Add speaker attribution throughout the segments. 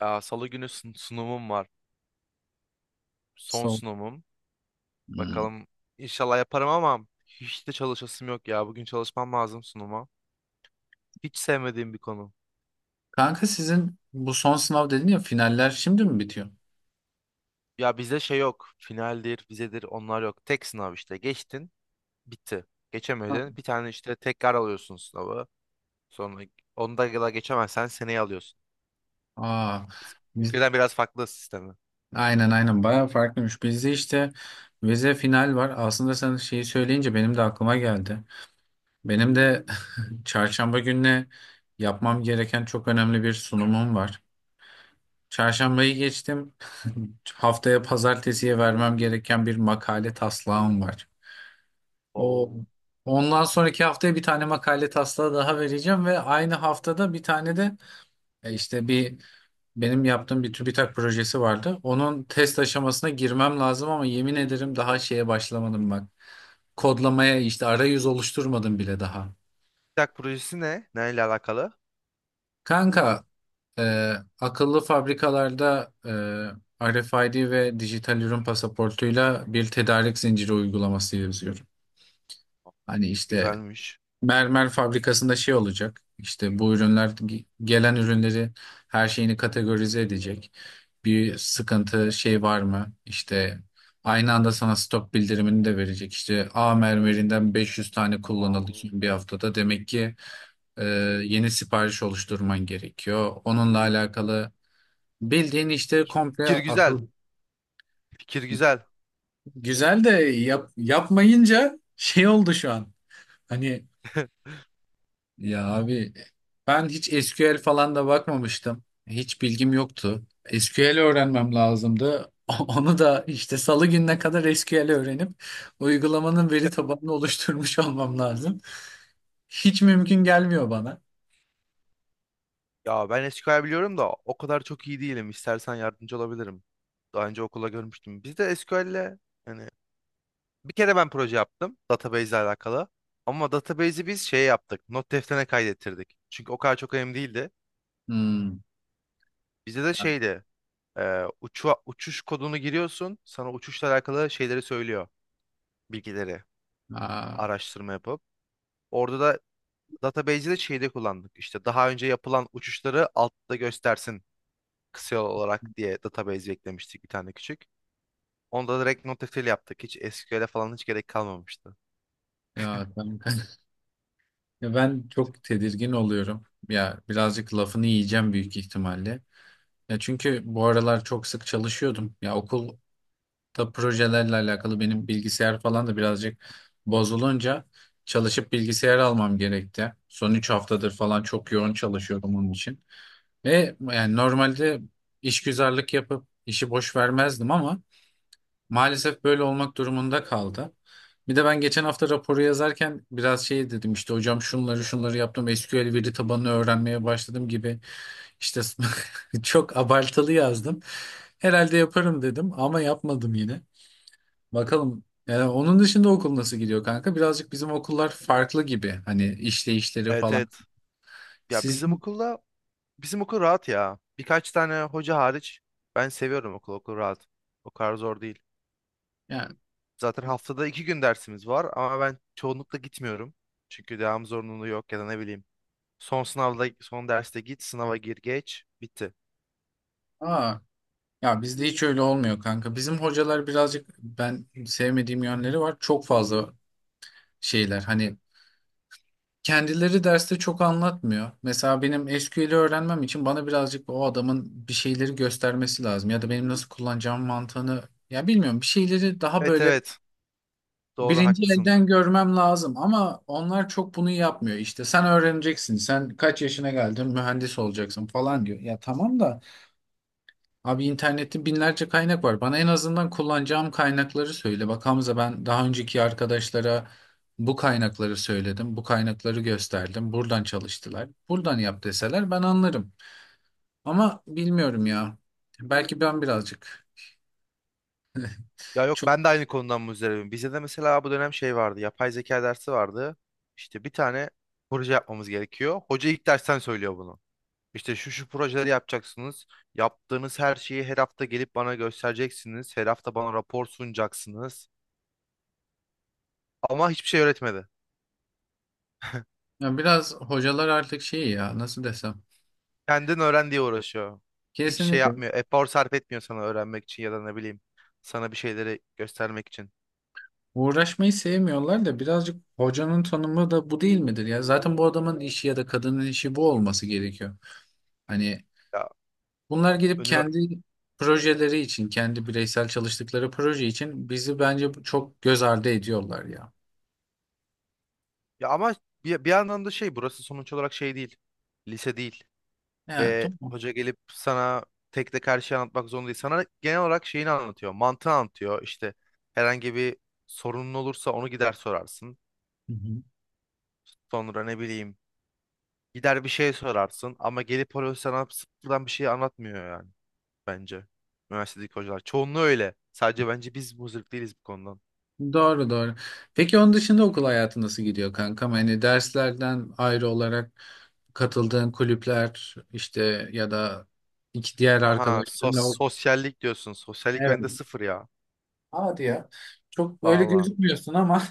Speaker 1: Salı günü sunumum var. Son
Speaker 2: Son.
Speaker 1: sunumum.
Speaker 2: Hmm.
Speaker 1: Bakalım, inşallah yaparım ama hiç de çalışasım yok ya. Bugün çalışmam lazım sunuma. Hiç sevmediğim bir konu.
Speaker 2: Kanka sizin bu son sınav dedin ya, finaller şimdi mi bitiyor?
Speaker 1: Ya bizde şey yok. Finaldir, vizedir onlar yok. Tek sınav işte. Geçtin, bitti.
Speaker 2: Ha,
Speaker 1: Geçemedin. Bir tane işte tekrar alıyorsun sınavı. Sonra onu da geçemezsen seneye alıyorsun.
Speaker 2: aa,
Speaker 1: Bizim
Speaker 2: biz-
Speaker 1: ülkeden biraz farklı sistemi.
Speaker 2: aynen bayağı farklıymış. Bizde işte vize final var. Aslında sen şeyi söyleyince benim de aklıma geldi. Benim de çarşamba gününe yapmam gereken çok önemli bir sunumum var. Çarşambayı geçtim. Haftaya pazartesiye vermem gereken bir makale taslağım var. O
Speaker 1: Oo.
Speaker 2: ondan sonraki haftaya bir tane makale taslağı daha vereceğim ve aynı haftada bir tane de E İşte bir benim yaptığım bir TÜBİTAK projesi vardı. Onun test aşamasına girmem lazım ama yemin ederim daha şeye başlamadım bak. Kodlamaya işte arayüz oluşturmadım bile daha.
Speaker 1: TikTok projesi ne? Neyle alakalı?
Speaker 2: Kanka e, akıllı fabrikalarda RFID ve dijital ürün pasaportuyla bir tedarik zinciri uygulaması yazıyorum. Hani işte
Speaker 1: Güzelmiş.
Speaker 2: mermer fabrikasında şey olacak. İşte bu ürünler gelen ürünleri, her şeyini kategorize edecek. Bir sıkıntı şey var mı? İşte aynı anda sana stok bildirimini de verecek. İşte A mermerinden 500 tane
Speaker 1: Aa.
Speaker 2: kullanıldı son bir haftada. Demek ki e, yeni sipariş oluşturman gerekiyor. Onunla alakalı bildiğin işte komple
Speaker 1: Fikir güzel.
Speaker 2: akıl.
Speaker 1: Fikir güzel.
Speaker 2: Güzel de yap, yapmayınca şey oldu şu an. Hani, ya abi, ben hiç SQL falan da bakmamıştım. Hiç bilgim yoktu. SQL öğrenmem lazımdı. Onu da işte salı gününe kadar SQL öğrenip uygulamanın veri tabanını oluşturmuş olmam lazım. Hiç mümkün gelmiyor bana.
Speaker 1: Ya ben SQL biliyorum da o kadar çok iyi değilim. İstersen yardımcı olabilirim. Daha önce okula görmüştüm. Biz de SQL'le, yani bir kere ben proje yaptım database ile alakalı. Ama database'i biz şey yaptık. Not defterine kaydettirdik. Çünkü o kadar çok önemli değildi.
Speaker 2: Hmm.
Speaker 1: Bizde de şeydi. Uçuş kodunu giriyorsun. Sana uçuşla alakalı şeyleri söylüyor. Bilgileri.
Speaker 2: Aa,
Speaker 1: Araştırma yapıp. Orada da database'i de şeyde kullandık. İşte daha önce yapılan uçuşları altta göstersin, kısa yol olarak diye database eklemiştik bir tane küçük. Onda direkt NoSQL yaptık. Hiç SQL'e falan hiç gerek kalmamıştı.
Speaker 2: ya kanka. Ya ben çok tedirgin oluyorum. Ya birazcık lafını yiyeceğim büyük ihtimalle. Ya çünkü bu aralar çok sık çalışıyordum. Ya okul da projelerle alakalı benim bilgisayar falan da birazcık bozulunca çalışıp bilgisayar almam gerekti. Son 3 haftadır falan çok yoğun çalışıyordum onun için. Ve yani normalde işgüzarlık yapıp işi boş vermezdim ama maalesef böyle olmak durumunda kaldı. Bir de ben geçen hafta raporu yazarken biraz şey dedim, işte hocam şunları şunları yaptım, SQL veri tabanını öğrenmeye başladım gibi işte, çok abartılı yazdım. Herhalde yaparım dedim ama yapmadım yine. Bakalım. Yani onun dışında okul nasıl gidiyor kanka? Birazcık bizim okullar farklı gibi. Hani işleyişleri
Speaker 1: Evet,
Speaker 2: falan.
Speaker 1: evet. Ya bizim
Speaker 2: Sizin
Speaker 1: okulda, bizim okul rahat ya. Birkaç tane hoca hariç ben seviyorum okul. Okul rahat. O kadar zor değil.
Speaker 2: yani
Speaker 1: Zaten haftada iki gün dersimiz var ama ben çoğunlukla gitmiyorum. Çünkü devam zorunluluğu yok ya da ne bileyim. Son sınavda son derste git, sınava gir, geç. Bitti.
Speaker 2: aa, ya bizde hiç öyle olmuyor kanka. Bizim hocalar birazcık ben sevmediğim yönleri var. Çok fazla şeyler. Hani kendileri derste çok anlatmıyor. Mesela benim SQL'i öğrenmem için bana birazcık o adamın bir şeyleri göstermesi lazım ya da benim nasıl kullanacağım mantığını, ya bilmiyorum. Bir şeyleri daha
Speaker 1: Evet,
Speaker 2: böyle
Speaker 1: evet. Doğru,
Speaker 2: birinci
Speaker 1: haklısın.
Speaker 2: elden görmem lazım ama onlar çok bunu yapmıyor. İşte sen öğreneceksin, sen kaç yaşına geldin mühendis olacaksın falan diyor. Ya tamam da abi internette binlerce kaynak var. Bana en azından kullanacağım kaynakları söyle. Bak Hamza, ben daha önceki arkadaşlara bu kaynakları söyledim, bu kaynakları gösterdim. Buradan çalıştılar, buradan yap deseler ben anlarım. Ama bilmiyorum ya. Belki ben birazcık
Speaker 1: Ya yok,
Speaker 2: çok,
Speaker 1: ben de aynı konudan muzdaribim. Bize de mesela bu dönem şey vardı. Yapay zeka dersi vardı. İşte bir tane proje yapmamız gerekiyor. Hoca ilk dersten söylüyor bunu. İşte şu şu projeleri yapacaksınız. Yaptığınız her şeyi her hafta gelip bana göstereceksiniz. Her hafta bana rapor sunacaksınız. Ama hiçbir şey öğretmedi.
Speaker 2: ya biraz hocalar artık şey, ya nasıl desem.
Speaker 1: Kendin öğren diye uğraşıyor. Hiç şey
Speaker 2: Kesinlikle.
Speaker 1: yapmıyor. Efor sarf etmiyor sana öğrenmek için ya da ne bileyim sana bir şeyleri göstermek için.
Speaker 2: Uğraşmayı sevmiyorlar da birazcık hocanın tanımı da bu değil midir ya? Zaten bu adamın işi ya da kadının işi bu olması gerekiyor. Hani
Speaker 1: Ya
Speaker 2: bunlar gidip
Speaker 1: önüme...
Speaker 2: kendi projeleri için, kendi bireysel çalıştıkları proje için bizi bence çok göz ardı ediyorlar ya.
Speaker 1: Ya ama bir yandan da şey, burası sonuç olarak şey değil. Lise değil.
Speaker 2: Evet,
Speaker 1: Ve
Speaker 2: tamam.
Speaker 1: hoca gelip sana tek tek her şeyi anlatmak zorunda değil. Sana genel olarak şeyini anlatıyor, mantığı anlatıyor. İşte herhangi bir sorunun olursa onu gider sorarsın.
Speaker 2: Hı hı.
Speaker 1: Sonra ne bileyim, gider bir şey sorarsın ama gelip hoca sana sıfırdan bir şey anlatmıyor yani, bence. Üniversitedeki hocalar. Çoğunluğu öyle. Sadece bence biz muzdarip değiliz bu konudan.
Speaker 2: Doğru doğru. Peki onun dışında okul hayatı nasıl gidiyor kankam? Hani derslerden ayrı olarak katıldığın kulüpler işte ya da iki diğer
Speaker 1: Aha,
Speaker 2: arkadaşlarınla.
Speaker 1: sosyallik diyorsun. Sosyallik bende sıfır ya.
Speaker 2: Hadi ya. Çok böyle
Speaker 1: Valla.
Speaker 2: gözükmüyorsun ama.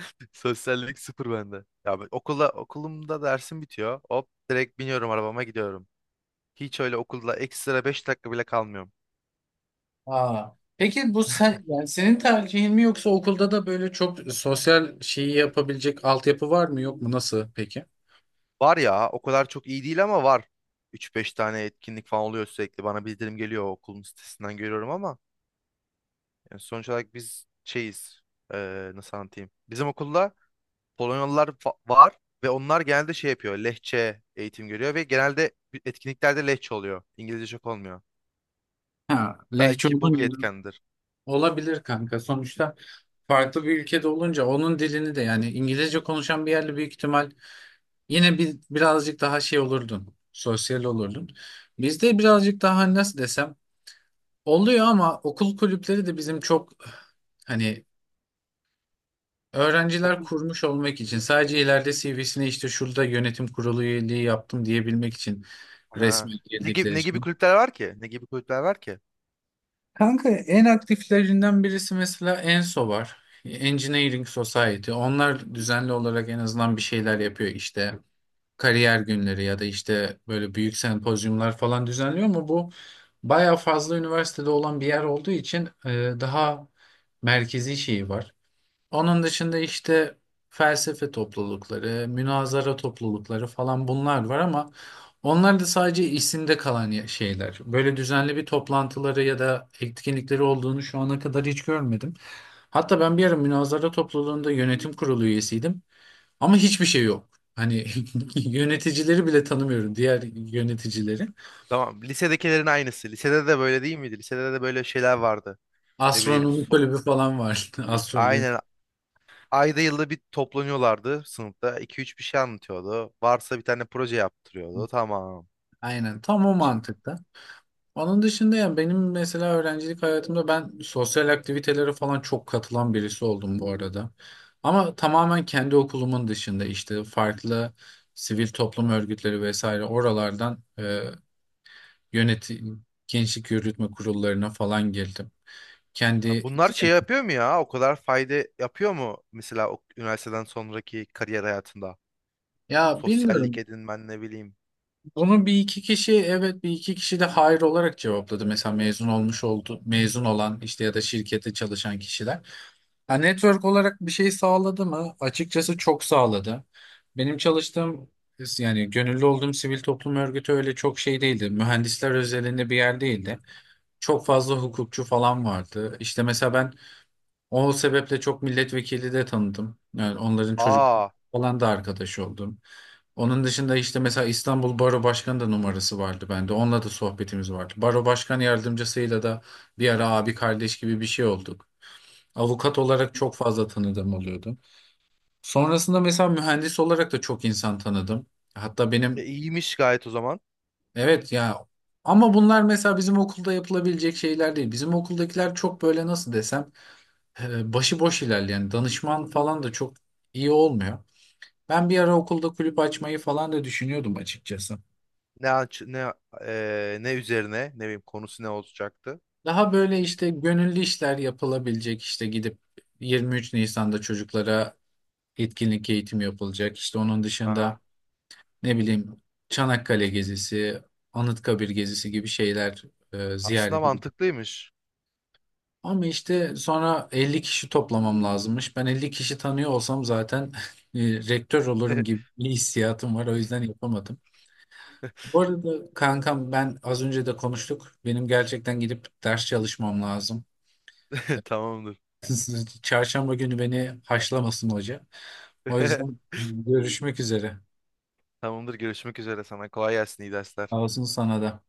Speaker 1: Sosyallik sıfır bende. Ya ben okula, okulumda dersim bitiyor. Hop direkt biniyorum arabama, gidiyorum. Hiç öyle okulda ekstra 5 dakika bile kalmıyorum.
Speaker 2: Aa. Peki bu sen yani senin tercihin mi yoksa okulda da böyle çok sosyal şeyi yapabilecek altyapı var mı yok mu nasıl peki?
Speaker 1: Var ya, o kadar çok iyi değil ama var. Üç beş tane etkinlik falan oluyor sürekli. Bana bildirim geliyor, o okulun sitesinden görüyorum ama yani sonuç olarak biz şeyiz. Nasıl anlatayım? Bizim okulda Polonyalılar var ve onlar genelde şey yapıyor. Lehçe eğitim görüyor ve genelde etkinliklerde Lehçe oluyor. İngilizce çok olmuyor.
Speaker 2: Ha, lehçe
Speaker 1: Belki bu bir
Speaker 2: olunca
Speaker 1: etkendir.
Speaker 2: olabilir kanka. Sonuçta farklı bir ülkede olunca onun dilini de yani İngilizce konuşan bir yerle büyük ihtimal yine bir birazcık daha şey olurdun. Sosyal olurdun. Bizde birazcık daha nasıl desem oluyor ama okul kulüpleri de bizim çok, hani öğrenciler
Speaker 1: Okul,
Speaker 2: kurmuş olmak için sadece, ileride CV'sine işte şurada yönetim kurulu üyeliği yaptım diyebilmek için
Speaker 1: ha.
Speaker 2: resmen
Speaker 1: Ne
Speaker 2: girdikleri
Speaker 1: gibi ne gibi
Speaker 2: için.
Speaker 1: kulüpler var ki? Ne gibi kulüpler var ki?
Speaker 2: Kanka en aktiflerinden birisi mesela ENSO var. Engineering Society. Onlar düzenli olarak en azından bir şeyler yapıyor işte. Kariyer günleri ya da işte böyle büyük sempozyumlar falan düzenliyor ama bu bayağı fazla üniversitede olan bir yer olduğu için daha merkezi şeyi var. Onun dışında işte felsefe toplulukları, münazara toplulukları falan bunlar var ama onlar da sadece isimde kalan şeyler. Böyle düzenli bir toplantıları ya da etkinlikleri olduğunu şu ana kadar hiç görmedim. Hatta ben bir ara münazara topluluğunda yönetim kurulu üyesiydim ama hiçbir şey yok. Hani yöneticileri bile tanımıyorum, diğer yöneticileri.
Speaker 1: Tamam. Lisedekilerin aynısı. Lisede de böyle değil miydi? Lisede de böyle şeyler vardı. Ne bileyim.
Speaker 2: Astronomi kulübü falan var. Astroloji.
Speaker 1: Aynen. Ayda yılda bir toplanıyorlardı sınıfta. 2 üç bir şey anlatıyordu. Varsa bir tane proje yaptırıyordu. Tamam.
Speaker 2: Aynen tam o
Speaker 1: Hiç.
Speaker 2: mantıkta. Onun dışında yani benim mesela öğrencilik hayatımda ben sosyal aktivitelere falan çok katılan birisi oldum bu arada. Ama tamamen kendi okulumun dışında işte farklı sivil toplum örgütleri vesaire oralardan yönetim, gençlik yürütme kurullarına falan girdim.
Speaker 1: Ha,
Speaker 2: Kendi
Speaker 1: bunlar şey yapıyor mu ya? O kadar fayda yapıyor mu? Mesela o üniversiteden sonraki kariyer hayatında.
Speaker 2: ya
Speaker 1: Sosyallik
Speaker 2: bilmiyorum.
Speaker 1: edinmen ne bileyim.
Speaker 2: Bunu bir iki kişi evet, bir iki kişi de hayır olarak cevapladı. Mesela mezun olmuş oldu, mezun olan işte ya da şirkette çalışan kişiler. Ha, network olarak bir şey sağladı mı? Açıkçası çok sağladı. Benim çalıştığım yani gönüllü olduğum sivil toplum örgütü öyle çok şey değildi. Mühendisler özelinde bir yer değildi. Çok fazla hukukçu falan vardı. İşte mesela ben o sebeple çok milletvekili de tanıdım. Yani onların çocuk
Speaker 1: Aa,
Speaker 2: falan da arkadaş oldum. Onun dışında işte mesela İstanbul Baro Başkanı da numarası vardı bende. Onunla da sohbetimiz vardı. Baro Başkan yardımcısıyla da bir ara abi kardeş gibi bir şey olduk. Avukat olarak çok fazla tanıdığım oluyordu. Sonrasında mesela mühendis olarak da çok insan tanıdım. Hatta benim
Speaker 1: iyiymiş gayet o zaman.
Speaker 2: evet ya, ama bunlar mesela bizim okulda yapılabilecek şeyler değil. Bizim okuldakiler çok böyle nasıl desem başıboş ilerleyen danışman falan da çok iyi olmuyor. Ben bir ara okulda kulüp açmayı falan da düşünüyordum açıkçası.
Speaker 1: Ne aç- ne ne üzerine ne bileyim, konusu ne olacaktı?
Speaker 2: Daha böyle
Speaker 1: Düşün.
Speaker 2: işte gönüllü işler yapılabilecek, işte gidip 23 Nisan'da çocuklara etkinlik eğitimi yapılacak. İşte onun
Speaker 1: Aa,
Speaker 2: dışında ne bileyim Çanakkale gezisi, Anıtkabir gezisi gibi şeyler
Speaker 1: aslında
Speaker 2: ziyaret edip.
Speaker 1: mantıklıymış.
Speaker 2: Ama işte sonra 50 kişi toplamam lazımmış. Ben 50 kişi tanıyor olsam zaten e, rektör olurum gibi bir hissiyatım var. O yüzden yapamadım. Bu arada kankam ben az önce de konuştuk. Benim gerçekten gidip ders çalışmam lazım.
Speaker 1: Tamamdır.
Speaker 2: Çarşamba günü beni haşlamasın hoca. O yüzden görüşmek üzere.
Speaker 1: Tamamdır. Görüşmek üzere sana. Kolay gelsin. İyi
Speaker 2: Sağ
Speaker 1: dersler.
Speaker 2: olsun sana da.